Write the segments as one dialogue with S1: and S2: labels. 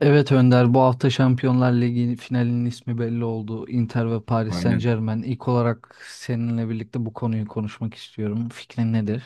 S1: Evet Önder, bu hafta Şampiyonlar Ligi finalinin ismi belli oldu. Inter ve Paris
S2: Aynen.
S1: Saint-Germain. İlk olarak seninle birlikte bu konuyu konuşmak istiyorum. Fikrin nedir?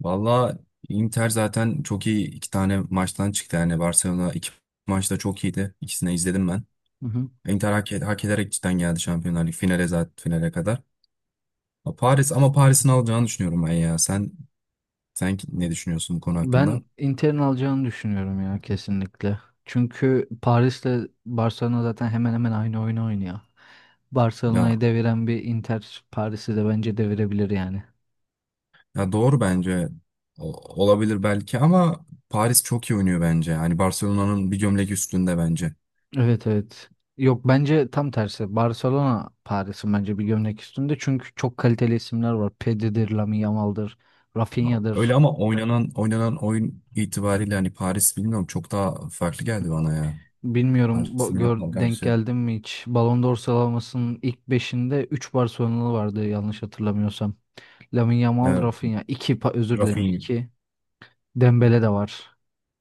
S2: Valla, Inter zaten çok iyi iki tane maçtan çıktı. Yani Barcelona iki maçta çok iyiydi. İkisini izledim ben.
S1: Hı hı.
S2: Inter hak ederek cidden geldi Şampiyonlar Ligi finale zaten finale kadar. Ha, Paris ama Paris'in alacağını düşünüyorum ben ya. Sen ne düşünüyorsun bu konu hakkında?
S1: Ben Inter'in alacağını düşünüyorum ya, kesinlikle. Çünkü Paris'le Barcelona zaten hemen hemen aynı oyunu oynuyor. Barcelona'yı
S2: Ya
S1: deviren bir Inter Paris'i de bence devirebilir yani.
S2: ya, doğru bence. Olabilir belki ama Paris çok iyi oynuyor bence. Hani Barcelona'nın bir gömlek üstünde bence.
S1: Evet, evet. Yok, bence tam tersi. Barcelona Paris'in bence bir gömlek üstünde. Çünkü çok kaliteli isimler var. Pedri'dir, Lamine Yamal'dır,
S2: Öyle
S1: Rafinha'dır.
S2: ama oynanan oyun itibariyle hani Paris bilmiyorum çok daha farklı geldi bana ya.
S1: Bilmiyorum,
S2: Arsenal'e
S1: denk
S2: karşı
S1: geldim mi hiç? Ballon d'Or sıralamasının ilk beşinde 3 Barcelonalı vardı yanlış hatırlamıyorsam. Lamine Yamal,
S2: e,
S1: Rafinha. 2, özür dilerim,
S2: Rafinha,
S1: 2 Dembele de var.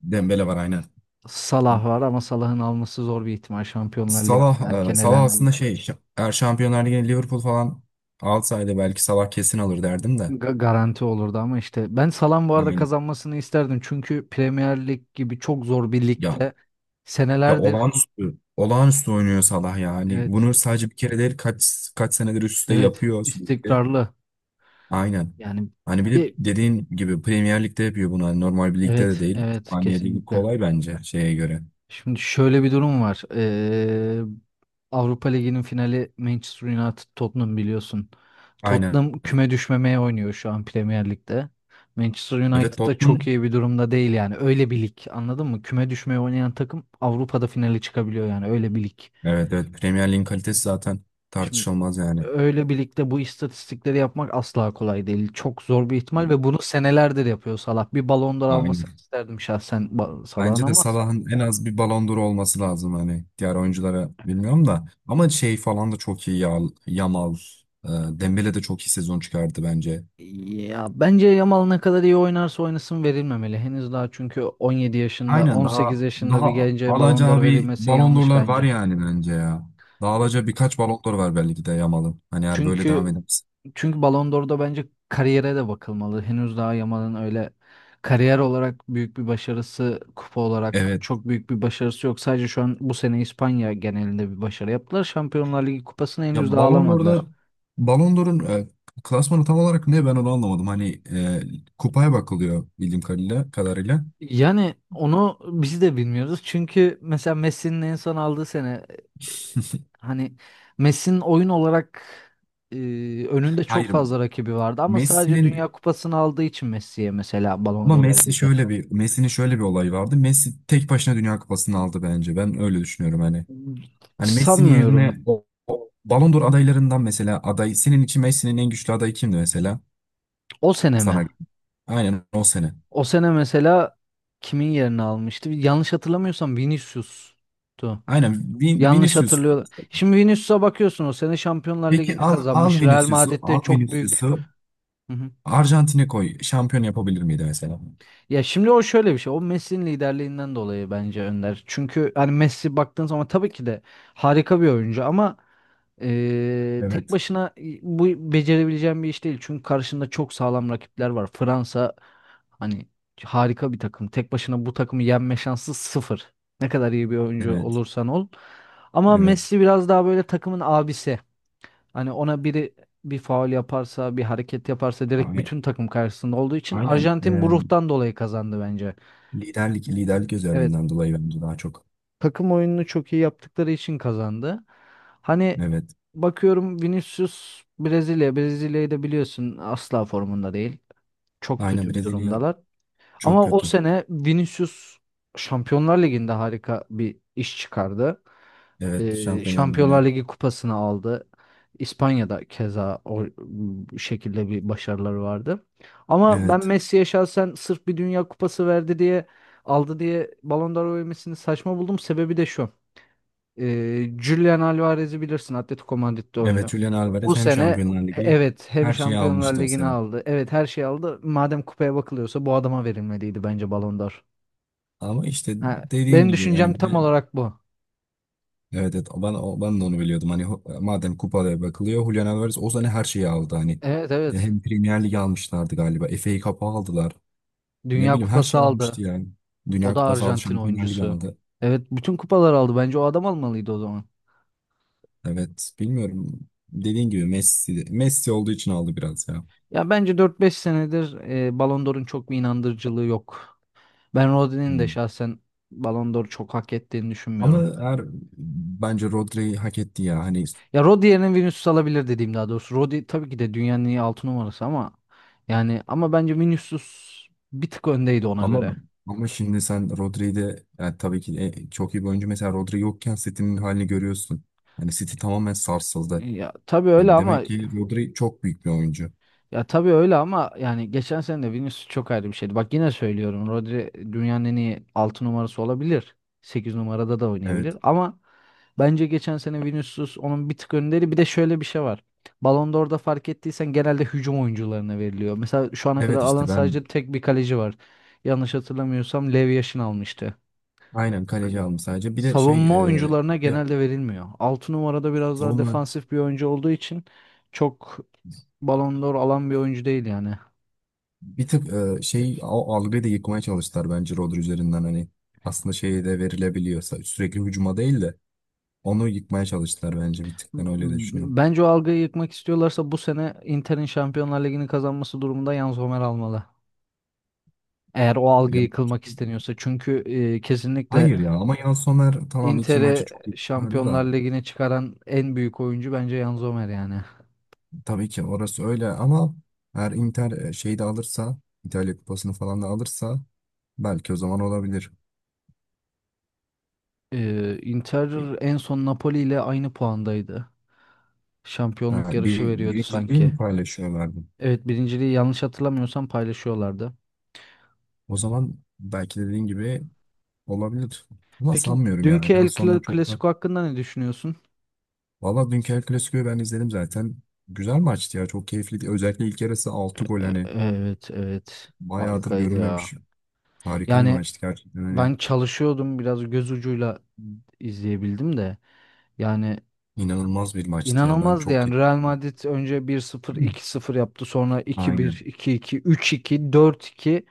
S2: Dembele var aynen.
S1: Salah var ama Salah'ın alması zor bir ihtimal, Şampiyonlar Ligi'nde
S2: Salah,
S1: erken
S2: Salah
S1: elendiği
S2: aslında
S1: için.
S2: eğer Şampiyonlar Ligi'ne Liverpool falan alsaydı belki Salah kesin alır derdim de.
S1: Garanti olurdu ama işte ben Salah'ın bu arada
S2: Aynen.
S1: kazanmasını isterdim. Çünkü Premier Lig gibi çok zor bir
S2: Ya
S1: ligde
S2: ya,
S1: senelerdir,
S2: olağanüstü oynuyor Salah ya. Hani
S1: evet,
S2: bunu sadece bir kere değil kaç senedir üst üste
S1: evet,
S2: yapıyor sürekli.
S1: istikrarlı
S2: Aynen.
S1: yani.
S2: Hani bir de
S1: bir
S2: dediğin gibi Premier Lig'de yapıyor bunu. Hani normal bir ligde de
S1: evet,
S2: değil.
S1: evet,
S2: İspanya Ligi
S1: kesinlikle.
S2: kolay bence şeye göre.
S1: Şimdi şöyle bir durum var. Avrupa Ligi'nin finali Manchester United Tottenham, biliyorsun.
S2: Aynen.
S1: Tottenham küme düşmemeye oynuyor şu an Premier Lig'de. Manchester
S2: Evet
S1: United da çok
S2: Tottenham.
S1: iyi bir durumda değil yani. Öyle bir lig, anladın mı? Küme düşmeye oynayan takım Avrupa'da finale çıkabiliyor, yani öyle bir lig.
S2: Evet evet, Premier Lig'in kalitesi zaten
S1: Şimdi
S2: tartışılmaz yani.
S1: öyle bir ligde bu istatistikleri yapmak asla kolay değil. Çok zor bir ihtimal
S2: Evet,
S1: ve bunu senelerdir yapıyor Salah. Bir Ballon d'Or
S2: aynen.
S1: almasını isterdim şahsen, Salah'ın
S2: Bence de
S1: ama.
S2: Salah'ın en az bir Ballon d'Or olması lazım hani diğer oyunculara bilmiyorum da ama şey falan da çok iyi ya. Yamal, Dembele de çok iyi sezon çıkardı bence.
S1: Ya bence Yamal ne kadar iyi oynarsa oynasın verilmemeli. Henüz daha çünkü 17 yaşında,
S2: Aynen,
S1: 18
S2: daha
S1: yaşında bir
S2: daha
S1: gence Ballon
S2: alacağı
S1: d'Or
S2: bir
S1: verilmesi
S2: Ballon
S1: yanlış
S2: d'Or'lar var
S1: bence.
S2: yani bence ya. Daha
S1: Ya,
S2: alacağı birkaç Ballon d'Or var belki de Yamal'ın. Hani eğer böyle devam
S1: çünkü
S2: ederse.
S1: çünkü Ballon d'Or'da bence kariyere de bakılmalı. Henüz daha Yamal'ın öyle kariyer olarak büyük bir başarısı, kupa olarak
S2: Evet.
S1: çok büyük bir başarısı yok. Sadece şu an bu sene İspanya genelinde bir başarı yaptılar. Şampiyonlar Ligi kupasını
S2: Ya
S1: henüz daha
S2: Ballon d'Or'da
S1: alamadılar.
S2: Ballon d'Or'un klasmanı tam olarak ne ben onu anlamadım. Hani kupaya bakılıyor bildiğim kadarıyla.
S1: Yani onu biz de bilmiyoruz. Çünkü mesela Messi'nin en son aldığı sene, e, hani Messi'nin oyun olarak, e, önünde çok
S2: Hayır
S1: fazla rakibi vardı ama sadece
S2: Messi'nin
S1: Dünya Kupası'nı aldığı için Messi'ye mesela Ballon
S2: ama
S1: d'Or
S2: Messi
S1: verildi.
S2: şöyle bir. Messi'nin şöyle bir olayı vardı. Messi tek başına Dünya Kupası'nı aldı bence. Ben öyle düşünüyorum hani. Hani Messi'nin yerine
S1: Sanmıyorum.
S2: o Ballon d'Or adaylarından mesela aday senin için Messi'nin en güçlü adayı kimdi mesela?
S1: O sene mi?
S2: Sana aynen o sene.
S1: O sene mesela kimin yerini almıştı? Yanlış hatırlamıyorsam Vinicius'tu.
S2: Aynen.
S1: Yanlış
S2: Vinicius.
S1: hatırlıyorum. Şimdi Vinicius'a bakıyorsun, o sene Şampiyonlar
S2: Peki
S1: Ligi'ni
S2: al
S1: kazanmış. Real
S2: Vinicius'u,
S1: Madrid'de
S2: al
S1: çok büyük.
S2: Vinicius'u. Arjantin'e koy. Şampiyon yapabilir miydi mesela?
S1: Ya şimdi o şöyle bir şey. O Messi'nin liderliğinden dolayı bence, Önder. Çünkü hani Messi baktığın zaman tabii ki de harika bir oyuncu ama tek
S2: Evet.
S1: başına bu becerebileceğim bir iş değil. Çünkü karşında çok sağlam rakipler var. Fransa, hani, harika bir takım. Tek başına bu takımı yenme şansı sıfır. Ne kadar iyi bir oyuncu
S2: Evet.
S1: olursan ol. Ama
S2: Evet.
S1: Messi biraz daha böyle takımın abisi. Hani ona biri bir faul yaparsa, bir hareket yaparsa direkt
S2: Ay-
S1: bütün takım karşısında olduğu için
S2: Aynen.
S1: Arjantin bu ruhtan dolayı kazandı bence.
S2: Liderlik
S1: Evet,
S2: özelliğinden dolayı bence daha çok.
S1: takım oyununu çok iyi yaptıkları için kazandı. Hani
S2: Evet.
S1: bakıyorum, Vinicius Brezilya, Brezilya'yı da biliyorsun asla formunda değil. Çok
S2: Aynen,
S1: kötü bir
S2: Brezilya
S1: durumdalar.
S2: çok
S1: Ama o
S2: kötü.
S1: sene Vinicius Şampiyonlar Ligi'nde harika bir iş çıkardı.
S2: Evet. Şampiyonlar Ligi'ne.
S1: Şampiyonlar Ligi kupasını aldı. İspanya'da keza o, bu şekilde bir başarıları vardı. Ama ben
S2: Evet.
S1: Messi'ye şahsen, sırf bir Dünya Kupası verdi diye aldı diye Ballon d'Or vermesini saçma buldum. Sebebi de şu. Julian Alvarez'i bilirsin, Atletico Madrid'de
S2: Evet.
S1: oynuyor.
S2: Julian
S1: O
S2: Alvarez hem
S1: sene,
S2: Şampiyonlar Ligi,
S1: evet, hem
S2: her şeyi
S1: Şampiyonlar
S2: almıştı o
S1: Ligi'ni
S2: sene.
S1: aldı. Evet, her şeyi aldı. Madem kupaya bakılıyorsa bu adama verilmeliydi bence Ballon d'Or.
S2: Ama işte
S1: Ha,
S2: dediğin
S1: benim
S2: gibi
S1: düşüncem
S2: yani
S1: tam olarak bu.
S2: evet, ben de onu biliyordum. Hani madem kupada bakılıyor Julian Alvarez o sene her şeyi aldı. Hani
S1: Evet, evet.
S2: hem Premier Lig almışlardı galiba. FA Cup'ı aldılar. Ne
S1: Dünya
S2: bileyim her
S1: Kupası
S2: şey almıştı
S1: aldı.
S2: yani.
S1: O
S2: Dünya
S1: da
S2: Kupası aldı,
S1: Arjantin
S2: Şampiyonlar Ligi
S1: oyuncusu.
S2: aldı.
S1: Evet, bütün kupalar aldı. Bence o adam almalıydı o zaman.
S2: Evet, bilmiyorum. Dediğin gibi Messi Messi olduğu için aldı biraz ya.
S1: Ya bence dört beş senedir, Ballon d'Or'un çok bir inandırıcılığı yok. Ben Rodri'nin de
S2: Hmm.
S1: şahsen Ballon d'Or çok hak ettiğini
S2: Ama
S1: düşünmüyorum.
S2: eğer bence Rodri'yi hak etti ya. Hani
S1: Ya, Rodri yerine Vinicius alabilir dediğim, daha doğrusu. Rodri tabii ki de dünyanın en iyi 6 numarası ama, yani ama bence Vinicius bir tık öndeydi ona göre.
S2: ama ama şimdi sen Rodri'yi de yani tabii ki çok iyi bir oyuncu. Mesela Rodri yokken City'nin halini görüyorsun. Hani City tamamen sarsıldı.
S1: Ya tabii öyle
S2: Hani
S1: ama
S2: demek ki Rodri çok büyük bir oyuncu.
S1: Ya tabii öyle ama yani geçen sene de Vinicius çok ayrı bir şeydi. Bak, yine söylüyorum, Rodri dünyanın en iyi 6 numarası olabilir, 8 numarada da oynayabilir
S2: Evet.
S1: ama bence geçen sene Vinicius onun bir tık önderi. Bir de şöyle bir şey var. Ballon d'Or'da fark ettiysen genelde hücum oyuncularına veriliyor. Mesela şu ana kadar
S2: Evet
S1: alan
S2: işte ben
S1: sadece tek bir kaleci var. Yanlış hatırlamıyorsam Lev Yashin almıştı.
S2: aynen kaleci
S1: Hani
S2: aldım sadece. Bir de şey,
S1: savunma
S2: e,
S1: oyuncularına
S2: de,
S1: genelde verilmiyor. 6 numarada biraz daha
S2: savunma.
S1: defansif bir oyuncu olduğu için çok Ballon d'Or alan bir oyuncu değil yani.
S2: Bir tık şey, o algıyı da yıkmaya çalıştılar bence Rodri üzerinden hani aslında şeyi de verilebiliyorsa sürekli hücuma değil de onu yıkmaya çalıştılar bence bir tık, ben öyle de düşünüyorum.
S1: Bence o algıyı yıkmak istiyorlarsa bu sene Inter'in Şampiyonlar Ligi'ni kazanması durumunda Jan Sommer almalı. Eğer o algı
S2: Ya,
S1: yıkılmak isteniyorsa. Çünkü, kesinlikle
S2: hayır ya, ama Yan Somer tamam iki maçı
S1: Inter'e
S2: çok iyi çıkardı
S1: Şampiyonlar
S2: da
S1: Ligi'ne çıkaran en büyük oyuncu bence Jan Sommer yani.
S2: tabii ki orası öyle ama eğer Inter şeyi de alırsa, İtalya Kupası'nı falan da alırsa belki o zaman olabilir.
S1: Inter en son Napoli ile aynı puandaydı. Şampiyonluk yarışı veriyordu
S2: Birinciliği
S1: sanki.
S2: mi paylaşıyorlardı?
S1: Evet, birinciliği yanlış hatırlamıyorsam paylaşıyorlardı.
S2: O zaman belki dediğin gibi olabilir. Ama
S1: Peki,
S2: sanmıyorum yani.
S1: dünkü
S2: Yan Somer çok da.
S1: Clasico hakkında ne düşünüyorsun?
S2: Valla dünkü El Clasico'yu ben izledim zaten. Güzel maçtı ya. Çok keyifliydi. Özellikle ilk yarısı 6 gol hani
S1: Evet, evet,
S2: bayağıdır
S1: harikaydı ya.
S2: görülmemiş. Harika bir
S1: Yani,
S2: maçtı gerçekten. Hani
S1: ben çalışıyordum, biraz göz ucuyla izleyebildim de, yani
S2: inanılmaz bir maçtı ya. Ben
S1: inanılmazdı
S2: çok
S1: yani. Real Madrid önce 1-0, iki sıfır yaptı, sonra 2-1,
S2: aynen.
S1: 2-2, 3-2, 4-2.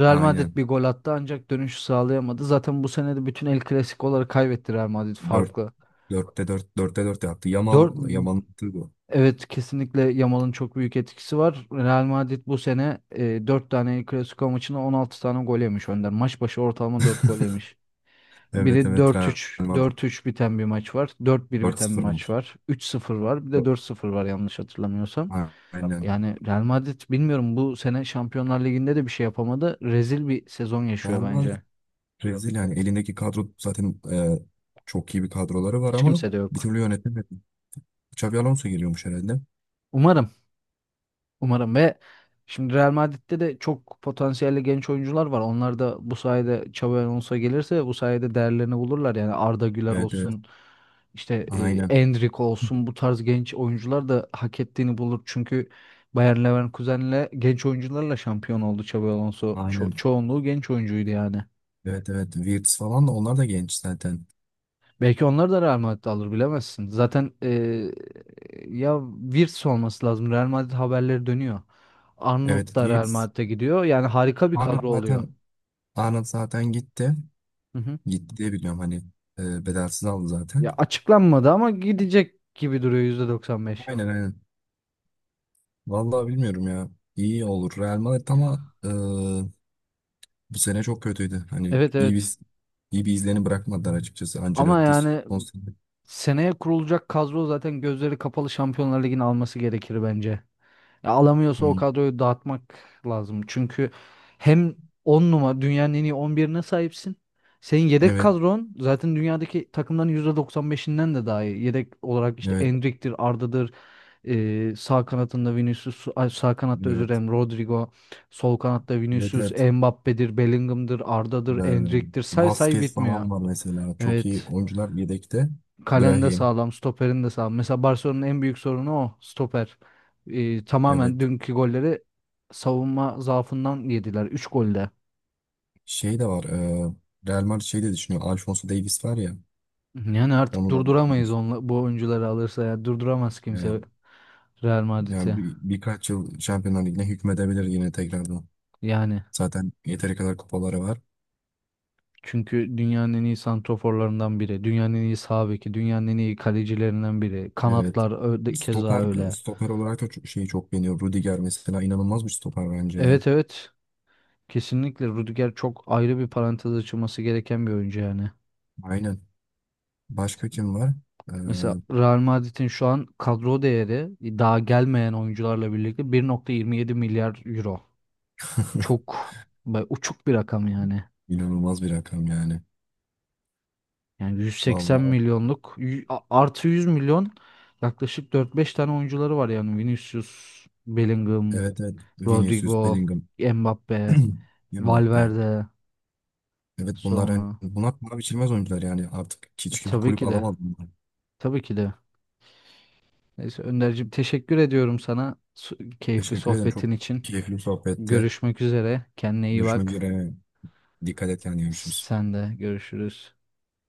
S1: Real Madrid
S2: Aynen.
S1: bir gol attı ancak dönüşü sağlayamadı. Zaten bu sene de bütün El Clasico'ları kaybetti Real Madrid
S2: Dört,
S1: farklı.
S2: dörtte dört yaptı. Yamal
S1: 4
S2: Yamal'ın attığı bu.
S1: evet, kesinlikle Yamal'ın çok büyük etkisi var. Real Madrid bu sene, 4 tane El Clasico maçına 16 tane gol yemiş, Önder. Maç başı ortalama 4 gol yemiş.
S2: Evet
S1: Biri
S2: evet
S1: dört
S2: Real
S1: üç
S2: Madrid
S1: dört üç biten bir maç var. Dört 1 biten bir
S2: 4-0 olmuş.
S1: maç var. 3-0 var. Bir de 4-0 var yanlış hatırlamıyorsam.
S2: Aynen.
S1: Yani Real Madrid, bilmiyorum, bu sene Şampiyonlar Ligi'nde de bir şey yapamadı. Rezil bir sezon
S2: Real
S1: yaşıyor
S2: Madrid
S1: bence.
S2: rezil yani elindeki kadro zaten, çok iyi bir kadroları var
S1: Hiç
S2: ama
S1: kimse de
S2: bir
S1: yok.
S2: türlü yönetemedi. Xabi Alonso geliyormuş herhalde.
S1: Umarım. Umarım ve şimdi Real Madrid'de de çok potansiyelli genç oyuncular var. Onlar da bu sayede, Xabi Alonso gelirse, bu sayede değerlerini bulurlar. Yani Arda Güler
S2: Evet evet.
S1: olsun, işte,
S2: Aynen.
S1: Endrick olsun, bu tarz genç oyuncular da hak ettiğini bulur. Çünkü Bayer Leverkusen'le genç oyuncularla şampiyon oldu Xabi Alonso.
S2: Aynen.
S1: Çoğunluğu genç oyuncuydu yani.
S2: Evet evet. Wirtz falan da, onlar da genç zaten.
S1: Belki onları da Real Madrid alır, bilemezsin. Zaten ya, Wirtz olması lazım. Real Madrid haberleri dönüyor.
S2: Evet
S1: Arnold da Real
S2: Wirtz.
S1: Madrid'e gidiyor. Yani harika bir
S2: Arnold
S1: kadro oluyor.
S2: zaten Arnold zaten gitti.
S1: Hı hı.
S2: Gitti diye biliyorum hani bedelsiz aldı zaten.
S1: Ya açıklanmadı ama gidecek gibi duruyor %95.
S2: Aynen aynen. Vallahi bilmiyorum ya. İyi olur. Real Madrid ama bu sene çok kötüydü. Hani
S1: Evet,
S2: iyi
S1: evet.
S2: bir iyi bir izlerini bırakmadılar açıkçası.
S1: Ama
S2: Ancelotti
S1: yani
S2: son sene.
S1: seneye kurulacak kadro zaten gözleri kapalı Şampiyonlar Ligi'ni alması gerekir bence. Ya alamıyorsa
S2: Hı.
S1: o kadroyu dağıtmak lazım. Çünkü hem 10 numara dünyanın en iyi 11'ine sahipsin. Senin yedek
S2: Evet
S1: kadron zaten dünyadaki takımların %95'inden de daha iyi. Yedek olarak işte
S2: evet
S1: Endrick'tir, Arda'dır, sağ kanatında Vinicius, ay, sağ kanatta özür
S2: evet.
S1: dilerim, Rodrigo, sol kanatta
S2: Evet
S1: Vinicius,
S2: evet.
S1: Mbappe'dir, Bellingham'dır,
S2: E,
S1: Arda'dır, Endrick'tir. Say say
S2: Vasquez
S1: bitmiyor.
S2: falan var mesela. Çok iyi
S1: Evet.
S2: oyuncular yedekte.
S1: Kalen de
S2: Brahim.
S1: sağlam, stoperin de sağlam. Mesela Barcelona'nın en büyük sorunu o, stoper. Tamamen
S2: Evet.
S1: dünkü golleri savunma zaafından yediler, üç golde.
S2: Şey de var. Real Madrid şey de düşünüyor. Alphonso Davies var ya.
S1: Yani artık
S2: Onu da
S1: durduramayız
S2: alabilir.
S1: onla, bu oyuncuları alırsa ya, durduramaz
S2: Evet.
S1: kimse Real
S2: Yani
S1: Madrid'i.
S2: birkaç yıl Şampiyonlar Ligi'ne hükmedebilir yine tekrardan.
S1: Yani
S2: Zaten yeteri kadar kupaları var.
S1: çünkü dünyanın en iyi santroforlarından biri, dünyanın en iyi sağ beki, dünyanın en iyi kalecilerinden biri.
S2: Evet.
S1: Kanatlar öyle, keza
S2: Stoper,
S1: öyle.
S2: stoper olarak da şeyi çok beğeniyor. Rudiger mesela inanılmaz bir stoper bence ya.
S1: Evet, evet, kesinlikle Rudiger çok ayrı bir parantez açılması gereken bir oyuncu yani.
S2: Aynen. Başka kim var? E,
S1: Mesela Real Madrid'in şu an kadro değeri, daha gelmeyen oyuncularla birlikte, 1,27 milyar euro. Çok uçuk bir rakam yani.
S2: inanılmaz bir rakam yani.
S1: Yani 180
S2: Vallahi
S1: milyonluk artı 100 milyon, yaklaşık dört beş tane oyuncuları var yani. Vinicius, Bellingham,
S2: evet evet. Vinicius,
S1: Rodrigo,
S2: Bellingham,
S1: Mbappe,
S2: Mbappe.
S1: Valverde
S2: Evet bunlar yani
S1: sonra.
S2: bunlar para biçilmez oyuncular yani artık hiç kimse
S1: Tabii
S2: kulüp
S1: ki de.
S2: alamadı bunları.
S1: Tabii ki de. Neyse Önderciğim, teşekkür ediyorum sana, keyifli
S2: Teşekkür ederim,
S1: sohbetin
S2: çok
S1: için.
S2: keyifli bir sohbetti.
S1: Görüşmek üzere. Kendine iyi
S2: Görüşmek
S1: bak.
S2: üzere. Dikkat et kendine, görüşürüz.
S1: Sen de, görüşürüz.